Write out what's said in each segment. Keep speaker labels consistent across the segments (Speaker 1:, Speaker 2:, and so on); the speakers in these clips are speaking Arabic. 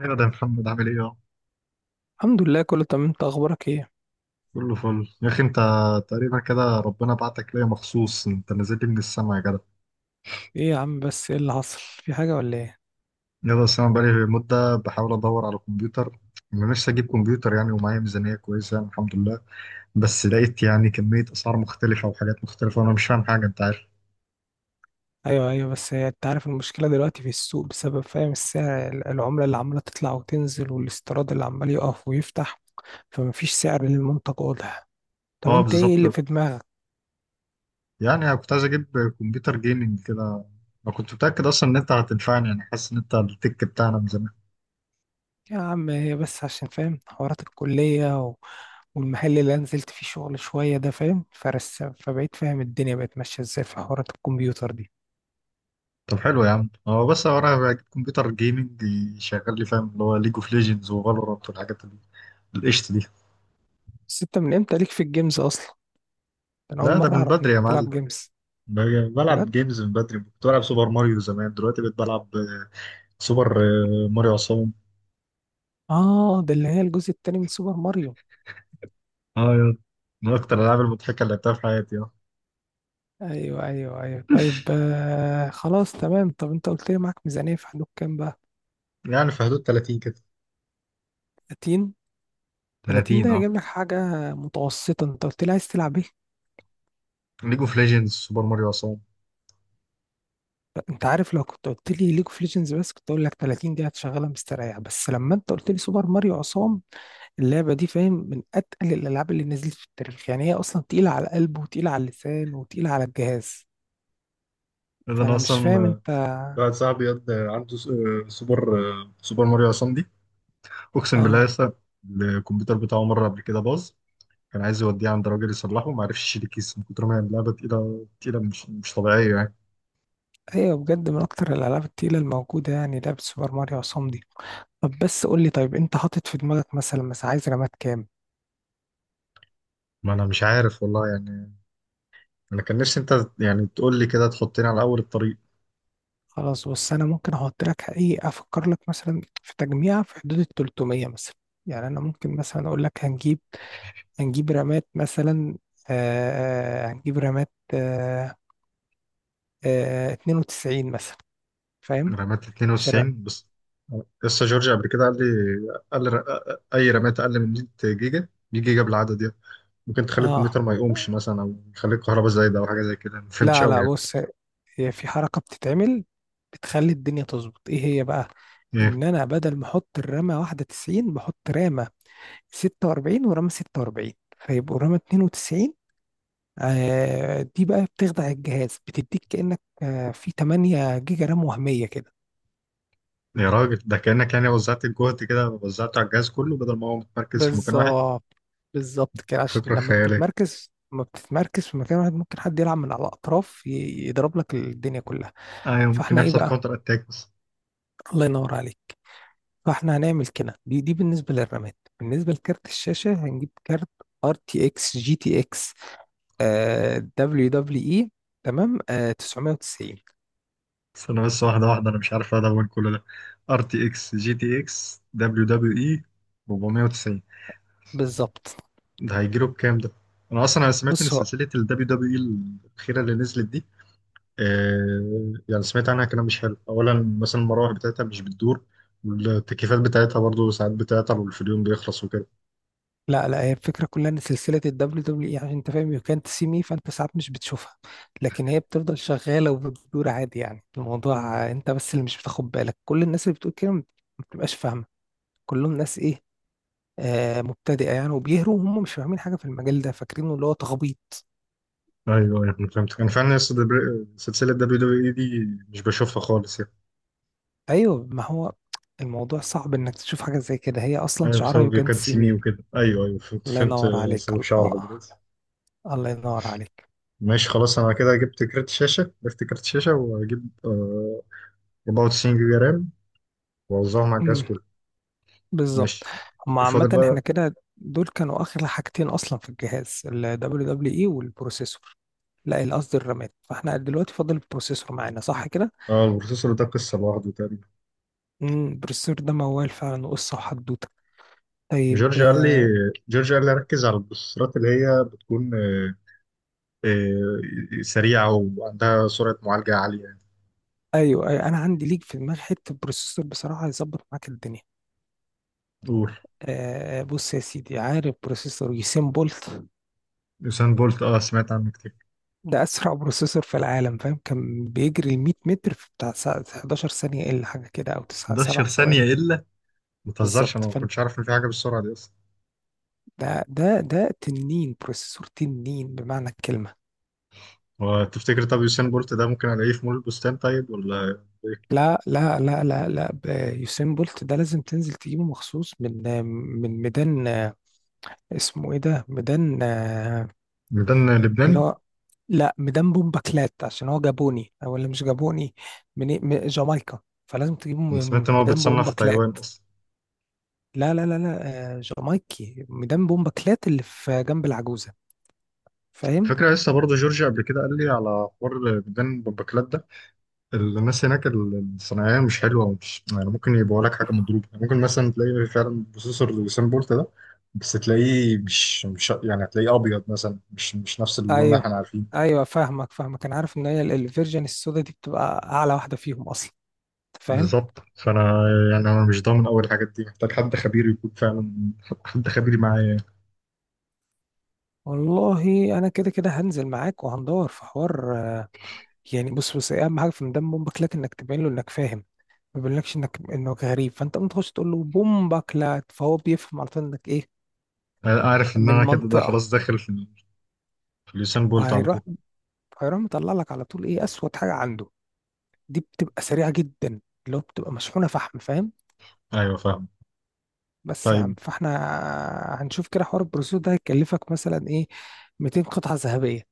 Speaker 1: ايوه، ده محمد عامل ايه اهو.
Speaker 2: الحمد لله، كله تمام. انت اخبارك ايه؟
Speaker 1: كله فل يا اخي انت. تقريبا كده ربنا بعتك ليا مخصوص، انت نزلت لي من السما يا جدع.
Speaker 2: ايه يا عم؟ بس ايه اللي حصل؟ في حاجه ولا ايه؟
Speaker 1: يا ده انا بقالي مده بحاول ادور على كمبيوتر. انا نفسي اجيب كمبيوتر يعني، ومعايا ميزانيه كويسه يعني، الحمد لله. بس لقيت يعني كميه اسعار مختلفه وحاجات مختلفه، وانا مش فاهم حاجه، انت عارف.
Speaker 2: ايوه، ايوه، بس هي انت عارف المشكله دلوقتي في السوق بسبب فاهم السعر العمله اللي عماله تطلع وتنزل والاستيراد اللي عمال يقف ويفتح، فمفيش سعر للمنتج واضح. طب
Speaker 1: اه،
Speaker 2: انت ايه
Speaker 1: بالظبط.
Speaker 2: اللي في دماغك؟
Speaker 1: يعني انا كنت عايز اجيب كمبيوتر جيمنج كده. انا كنت متاكد اصلا ان انت هتنفعني، يعني حاسس ان انت التك بتاعنا من زمان.
Speaker 2: يا عم، هي بس عشان فاهم حوارات الكليه والمحل اللي أنا نزلت فيه شغل شويه ده، فاهم فرس، فبقيت فاهم الدنيا بقت ماشيه ازاي في حوارات الكمبيوتر دي.
Speaker 1: طب حلو يا عم، هو بس هو انا بجيب كمبيوتر جيمنج يشغل لي فاهم اللي هو ليج اوف ليجندز وفالورانت، والحاجات القشط دي.
Speaker 2: بس انت من امتى ليك في الجيمز اصلا؟ انا اول
Speaker 1: لا، ده
Speaker 2: مره
Speaker 1: من
Speaker 2: اعرف انك
Speaker 1: بدري يا
Speaker 2: بتلعب
Speaker 1: معلم.
Speaker 2: جيمز. بجد.
Speaker 1: بلعب جيمز من بدري. كنت بلعب سوبر ماريو زمان، دلوقتي بقيت بلعب سوبر ماريو عصام.
Speaker 2: اه، ده اللي هي الجزء التاني من سوبر ماريو.
Speaker 1: اه يا، من اكتر الالعاب المضحكه اللي لعبتها في حياتي، اه.
Speaker 2: ايوه، ايوه، ايوه، طيب، خلاص تمام. طب انت قلت لي معاك ميزانية في حدود كام بقى؟
Speaker 1: يعني في حدود 30 كده.
Speaker 2: 30. 30
Speaker 1: 30،
Speaker 2: ده
Speaker 1: اه.
Speaker 2: هيجيب لك حاجة متوسطة. انت قلت لي عايز تلعب ايه؟
Speaker 1: ليج اوف ليجندز، سوبر ماريو عصام.
Speaker 2: انت عارف، لو كنت قلت لي ليج اوف ليجندز بس كنت اقول لك 30 دي هتشغلها مستريح. بس لما انت قلت لي سوبر ماريو عصام، اللعبة دي فاهم من اتقل الالعاب اللي نزلت في التاريخ. يعني هي اصلا تقيلة على القلب وتقيلة على اللسان وتقيلة على الجهاز.
Speaker 1: إذا انا
Speaker 2: فانا مش
Speaker 1: اصلا
Speaker 2: فاهم انت.
Speaker 1: واحد صاحبي عنده سوبر ماريو عصام دي، اقسم بالله.
Speaker 2: اه،
Speaker 1: لسه الكمبيوتر بتاعه مره قبل كده باظ، كان عايز يوديه عند راجل يصلحه، ما عرفش يشيل الكيس من كتر ما هي اللعبه تقيله تقيله، مش طبيعيه يعني.
Speaker 2: ايوه بجد، من اكتر الالعاب التقيله الموجوده يعني لعبه سوبر ماريو عصام دي. طب بس قول لي، طيب انت حاطط في دماغك مثلا، بس عايز رامات كام؟
Speaker 1: ما انا مش عارف والله يعني. انا كان نفسي انت يعني تقول لي كده، تحطني على اول الطريق.
Speaker 2: خلاص، بص، انا ممكن احط لك ايه، افكر لك مثلا في تجميع في حدود ال 300 مثلا. يعني انا ممكن مثلا اقول لك هنجيب، هنجيب رامات مثلا. هنجيب رامات، 92 مثلا، فاهم؟
Speaker 1: رمات
Speaker 2: شر.
Speaker 1: 92 بس؟ لسه جورج قبل كده قال لي، قال لي اي رمات اقل من 100 جيجا، 100 جيجا بالعدد يعني، ممكن تخلي
Speaker 2: اه،
Speaker 1: الكمبيوتر ما يقومش مثلا، او يخلي الكهرباء زايده، او حاجه زي كده، ما فهمتش
Speaker 2: لا،
Speaker 1: قوي
Speaker 2: لا،
Speaker 1: يعني.
Speaker 2: بص، هي في حركة بتتعمل بتخلي الدنيا تظبط. ايه هي بقى؟
Speaker 1: ايه؟
Speaker 2: ان انا بدل ما احط الرامة واحدة 90، بحط رامة 46 ورامة 46، فيبقوا رامة 92. آه دي بقى بتخدع الجهاز، بتديك كأنك في 8 جيجا رام وهمية كده.
Speaker 1: يا راجل، ده كانك يعني وزعت الجهد كده، وزعته على الجهاز كله بدل ما هو متمركز في مكان واحد.
Speaker 2: بالظبط، بالظبط كده، عشان
Speaker 1: فكره
Speaker 2: لما
Speaker 1: خياليه.
Speaker 2: بتتمركز، لما بتتمركز في مكان واحد، ممكن حد يلعب من على الأطراف يضرب لك الدنيا كلها.
Speaker 1: ايوه، ممكن
Speaker 2: فاحنا ايه
Speaker 1: يحصل
Speaker 2: بقى؟
Speaker 1: كاونتر اتاك بس.
Speaker 2: الله ينور عليك. فاحنا هنعمل كده دي دي بالنسبه للرامات. بالنسبه لكارت الشاشه هنجيب كارت ار تي اكس جي تي اكس دبليو دبليو اي، تمام؟ 990.
Speaker 1: استنى بس، واحدة واحدة، أنا مش عارف أدون كل ده. ار تي اكس جي تي اكس دبليو دبليو اي 490.
Speaker 2: بالظبط.
Speaker 1: ده هيجيله بكام ده؟ أنا أصلا أنا سمعت إن
Speaker 2: بص هو،
Speaker 1: سلسلة ال دبليو دبليو اي الأخيرة اللي نزلت دي، آه يعني سمعت عنها كلام مش حلو. أولا مثلا المراوح بتاعتها مش بتدور، والتكييفات بتاعتها برضه ساعات بتعطل، والفيديو بيخلص وكده.
Speaker 2: لا لا، هي الفكره كلها ان سلسله الدبليو دبليو اي، عشان انت فاهم، يو كانت سي مي، فانت ساعات مش بتشوفها، لكن هي بتفضل شغاله وبتدور عادي. يعني الموضوع، انت بس اللي مش بتاخد بالك. كل الناس اللي بتقول كده ما بتبقاش فاهمه. كلهم ناس ايه، مبتدئه يعني، وبيهروا وهم مش فاهمين حاجه في المجال ده، فاكرينه اللي هو تخبيط.
Speaker 1: ايوه ايوه، أنا فهمتك. انا فعلا لسه سلسله دبليو دبليو اي دي مش بشوفها خالص يعني.
Speaker 2: ايوه، ما هو الموضوع صعب انك تشوف حاجه زي كده. هي اصلا
Speaker 1: ايوه،
Speaker 2: شعارها you
Speaker 1: بسبب
Speaker 2: can't see
Speaker 1: كاتسيمي
Speaker 2: me.
Speaker 1: وكده، ايوه ايوه، فهمت
Speaker 2: الله
Speaker 1: فهمت،
Speaker 2: ينور عليك،
Speaker 1: سبب شعرها
Speaker 2: الله،
Speaker 1: دلوقتي.
Speaker 2: الله ينور عليك.
Speaker 1: ماشي خلاص. انا كده جبت كارت شاشه، واجيب 94 جيجا رام، واوزعهم على الجهاز
Speaker 2: امم
Speaker 1: كله.
Speaker 2: بالظبط.
Speaker 1: ماشي.
Speaker 2: هما
Speaker 1: فاضل
Speaker 2: عامه احنا
Speaker 1: بقى.
Speaker 2: كده، دول كانوا اغلى حاجتين اصلا في الجهاز، ال WWE والبروسيسور. لا، قصدي الرامات. فاحنا دلوقتي فاضل البروسيسور معانا، صح كده؟
Speaker 1: اه، البروسيسور ده قصه لوحده تقريبا.
Speaker 2: البروسيسور ده موال فعلا، وقصه، وحدوته. طيب،
Speaker 1: جورج قال لي جورج قال لي ركز على البروسيسورات اللي هي بتكون سريعه وعندها سرعه معالجه عاليه يعني.
Speaker 2: ايوه، أيوة، انا عندي ليك في دماغي حته بروسيسور بصراحه هيظبط معاك الدنيا.
Speaker 1: قول.
Speaker 2: بص يا سيدي، عارف بروسيسور يوسين بولت؟
Speaker 1: يوسين بولت، اه سمعت عنه كتير.
Speaker 2: ده اسرع بروسيسور في العالم، فاهم. كان بيجري ال 100 متر في بتاع 11 ثانيه الا حاجه كده، او 9
Speaker 1: 11
Speaker 2: 7
Speaker 1: ثانيه
Speaker 2: ثواني.
Speaker 1: الا؟ ما تهزرش، انا
Speaker 2: بالظبط.
Speaker 1: ما
Speaker 2: فانت،
Speaker 1: كنتش عارف ان في حاجه بالسرعه دي اصلا.
Speaker 2: ده تنين بروسيسور، تنين بمعنى الكلمه.
Speaker 1: وتفتكر طب يوسين بولت ده ممكن الاقيه في مول البستان طيب، ولا
Speaker 2: لا، لا، لا، لا، لا، يوسين بولت ده لازم تنزل تجيبه مخصوص من من ميدان، اسمه ايه ده، ميدان،
Speaker 1: ميدان لبنان؟
Speaker 2: اللي هو، لا مدمبهم باكلات، عشان هو جابوني او اللي مش جابوني من إيه؟ من جامايكا. فلازم تجيبه
Speaker 1: أنا سمعت
Speaker 2: من
Speaker 1: إن هو
Speaker 2: ميدان
Speaker 1: بيتصنع في
Speaker 2: باكلات.
Speaker 1: تايوان أصلا.
Speaker 2: لا، لا، لا، لا، جامايكي، ميدان باكلات اللي في جنب العجوزة، فاهم؟
Speaker 1: فكرة. لسه برضه جورجيا قبل كده قال لي على حوار ميدان بمبكلات ده، الناس هناك الصناعية مش حلوة ومش يعني، ممكن يبيعوا لك حاجة مضروبة، يعني ممكن مثلا تلاقي فعلا بروسيسور لوسين بولت ده، بس تلاقيه مش يعني، هتلاقيه أبيض مثلا، مش نفس اللون اللي
Speaker 2: ايوه،
Speaker 1: احنا عارفينه.
Speaker 2: ايوه، فاهمك فاهمك، انا عارف ان هي الفيرجن السودا دي بتبقى اعلى واحدة فيهم اصلا. أنت فاهم؟
Speaker 1: بالظبط، فأنا يعني أنا مش ضامن أول الحاجات دي، محتاج حد خبير معايا يعني.
Speaker 2: والله انا كده كده هنزل معاك وهندور في حوار، يعني بص، بص إيه اهم حاجة في ميدان باكلات؟ انك تبين له انك فاهم، ما بيقولكش انك، انك غريب. فانت ممكن تخش تقول له بومبا كلات، فهو بيفهم على طول انك ايه،
Speaker 1: أنا عارف إن
Speaker 2: من
Speaker 1: أنا كده ده
Speaker 2: المنطقه.
Speaker 1: خلاص داخل في اليوسين بولت على
Speaker 2: فهيروح،
Speaker 1: طول.
Speaker 2: هيروح مطلع لك على طول ايه اسود حاجه عنده. دي بتبقى سريعه جدا، اللي هو بتبقى مشحونه فحم، فاهم؟
Speaker 1: أيوه، فاهم.
Speaker 2: بس يا
Speaker 1: طيب،
Speaker 2: عم، فاحنا هنشوف كده حوار البروسيسور ده هيكلفك مثلا ايه، 200 قطعه ذهبيه.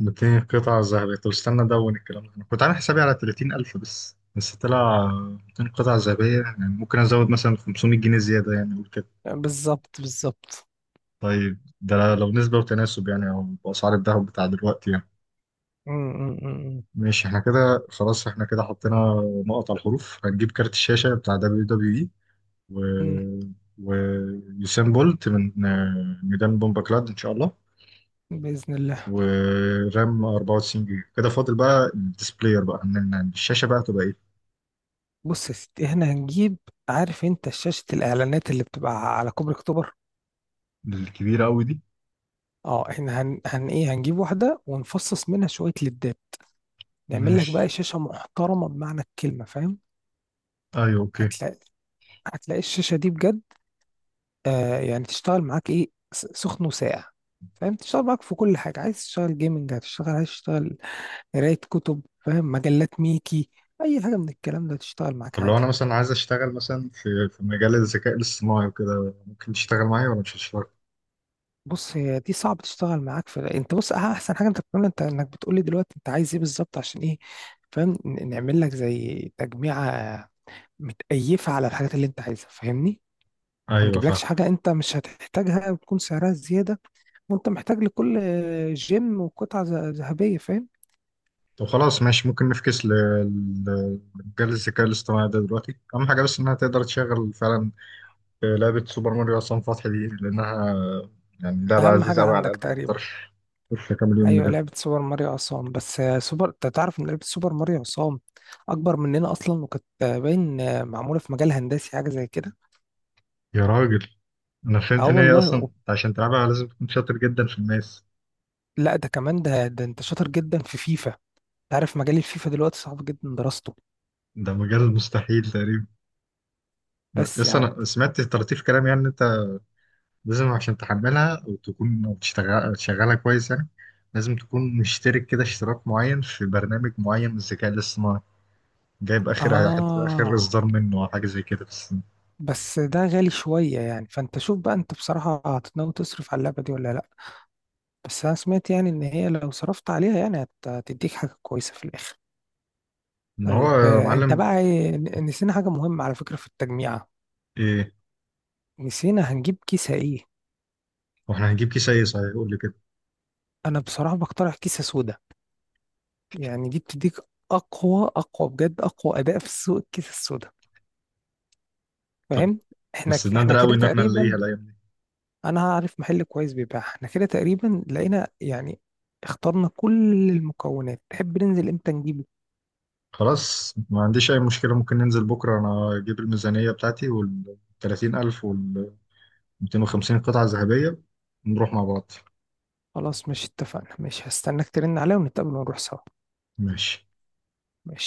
Speaker 1: 200 قطعة ذهبية؟ طب استنى أدون الكلام ده، أنا كنت عامل حسابي على 30,000، بس طلع 200 قطعة ذهبية، يعني ممكن أزود مثلا 500 جنيه زيادة، يعني أقول كده.
Speaker 2: بالظبط، بالظبط.
Speaker 1: طيب ده لو نسبة وتناسب يعني، أو بأسعار الذهب بتاع دلوقتي يعني.
Speaker 2: م- م- م-
Speaker 1: ماشي، احنا كده خلاص. احنا كده حطينا نقط على الحروف. هنجيب كارت الشاشة بتاع دبليو دبليو إي، و،
Speaker 2: م- م.
Speaker 1: ويوسين بولت من ميدان بومباكلاد إن شاء الله.
Speaker 2: باذن الله.
Speaker 1: ورام 94 جيجا. كده فاضل بقى الديسبلاير بقى، إن الشاشة بقى، تبقى
Speaker 2: بص يا ستي، احنا هنجيب، عارف انت شاشه الاعلانات اللي بتبقى على كوبري اكتوبر؟
Speaker 1: الكبيرة أوي دي.
Speaker 2: اه احنا هن, هن ايه، هنجيب واحدة ونفصص منها شوية ليدات، نعمل لك بقى
Speaker 1: ماشي.
Speaker 2: شاشة محترمة بمعنى الكلمة، فاهم؟
Speaker 1: ايوه، اوكي.
Speaker 2: هتلاقي، هتلاقي الشاشة دي بجد يعني تشتغل معاك ايه، سخن وساقع، فاهم. تشتغل معاك في كل حاجة. عايز تشتغل جيمنج هتشتغل، عايز تشتغل قراية كتب، فاهم، مجلات ميكي، أي حاجة من الكلام ده تشتغل معاك
Speaker 1: طب لو
Speaker 2: عادي.
Speaker 1: انا مثلا عايز اشتغل مثلا في مجال الذكاء الاصطناعي وكده، ممكن تشتغل معايا ولا مش هتشتغل؟
Speaker 2: بص هي دي صعب تشتغل معاك في. انت بص، احسن حاجة انت بتعملها انت انك بتقولي دلوقتي انت عايز ايه بالظبط عشان ايه، فاهم، نعمل لك زي تجميعة متأيفة على الحاجات اللي انت عايزها، فاهمني؟ ما
Speaker 1: ايوه، فاهم.
Speaker 2: نجيبلكش حاجة انت مش هتحتاجها وتكون سعرها زيادة وانت محتاج لكل جيم وقطعة ذهبية، فاهم.
Speaker 1: طب خلاص ماشي، ممكن نفكس لمجال الذكاء الاصطناعي ده دلوقتي، اهم حاجه بس انها تقدر تشغل فعلا لعبه سوبر ماريو عصام فتحي دي، لانها يعني لعبه
Speaker 2: اهم
Speaker 1: عزيزه
Speaker 2: حاجة
Speaker 1: قوي على
Speaker 2: عندك
Speaker 1: قلبي، ما
Speaker 2: تقريبا.
Speaker 1: اقدرش اقدرش اكمل يوم من
Speaker 2: ايوه،
Speaker 1: غيرها.
Speaker 2: لعبة سوبر ماريو عصام. بس سوبر، انت تعرف ان لعبة سوبر ماريو عصام اكبر مننا اصلا، وكانت باين معمولة في مجال هندسي حاجة زي كده.
Speaker 1: يا راجل، انا فهمت
Speaker 2: اه
Speaker 1: ان هي
Speaker 2: والله
Speaker 1: اصلا عشان تلعبها لازم تكون شاطر جدا في الماس.
Speaker 2: لا، ده كمان، ده ده انت شاطر جدا في فيفا، تعرف مجال الفيفا دلوقتي صعب جدا دراسته.
Speaker 1: ده مجال مستحيل تقريبا.
Speaker 2: بس يا
Speaker 1: بس
Speaker 2: عم،
Speaker 1: انا سمعت طراطيف كلام يعني إن انت لازم عشان تحملها وتكون تشتغل شغالها كويس يعني، لازم تكون مشترك كده اشتراك معين في برنامج معين من الذكاء الاصطناعي، جايب اخر
Speaker 2: اه.
Speaker 1: اصدار منه او حاجه زي كده بس.
Speaker 2: بس ده غالي شوية يعني. فانت شوف بقى، انت بصراحة هتناوي تصرف على اللعبة دي ولا لا؟ بس انا سمعت يعني ان هي لو صرفت عليها يعني هتديك حاجة كويسة في الاخر.
Speaker 1: ان هو
Speaker 2: طيب،
Speaker 1: يا
Speaker 2: انت
Speaker 1: معلم.
Speaker 2: بقى نسينا حاجة مهمة على فكرة في التجميعة.
Speaker 1: ايه؟
Speaker 2: نسينا هنجيب كيسة ايه.
Speaker 1: واحنا هنجيب كيس ايه صحيح، يقول لي كده.
Speaker 2: انا بصراحة بقترح كيسة سودا. يعني دي بتديك اقوى، اقوى بجد، اقوى اداء في السوق، الكيسة السودا،
Speaker 1: طب
Speaker 2: فاهم؟
Speaker 1: بس
Speaker 2: احنا
Speaker 1: نادر
Speaker 2: كده
Speaker 1: قوي ان احنا نلاقيها
Speaker 2: تقريبا،
Speaker 1: الايام دي.
Speaker 2: انا عارف محل كويس بيبيع. احنا كده تقريبا لقينا يعني، اخترنا كل المكونات. تحب ننزل امتى نجيبه؟
Speaker 1: خلاص، ما عنديش اي مشكله. ممكن ننزل بكره انا اجيب الميزانيه بتاعتي وال 30,000 وال 250 قطعه ذهبيه، نروح مع بعض.
Speaker 2: خلاص، مش اتفقنا؟ مش هستناك ترن عليا ونتقابل ونروح سوا.
Speaker 1: ماشي.
Speaker 2: ماشي.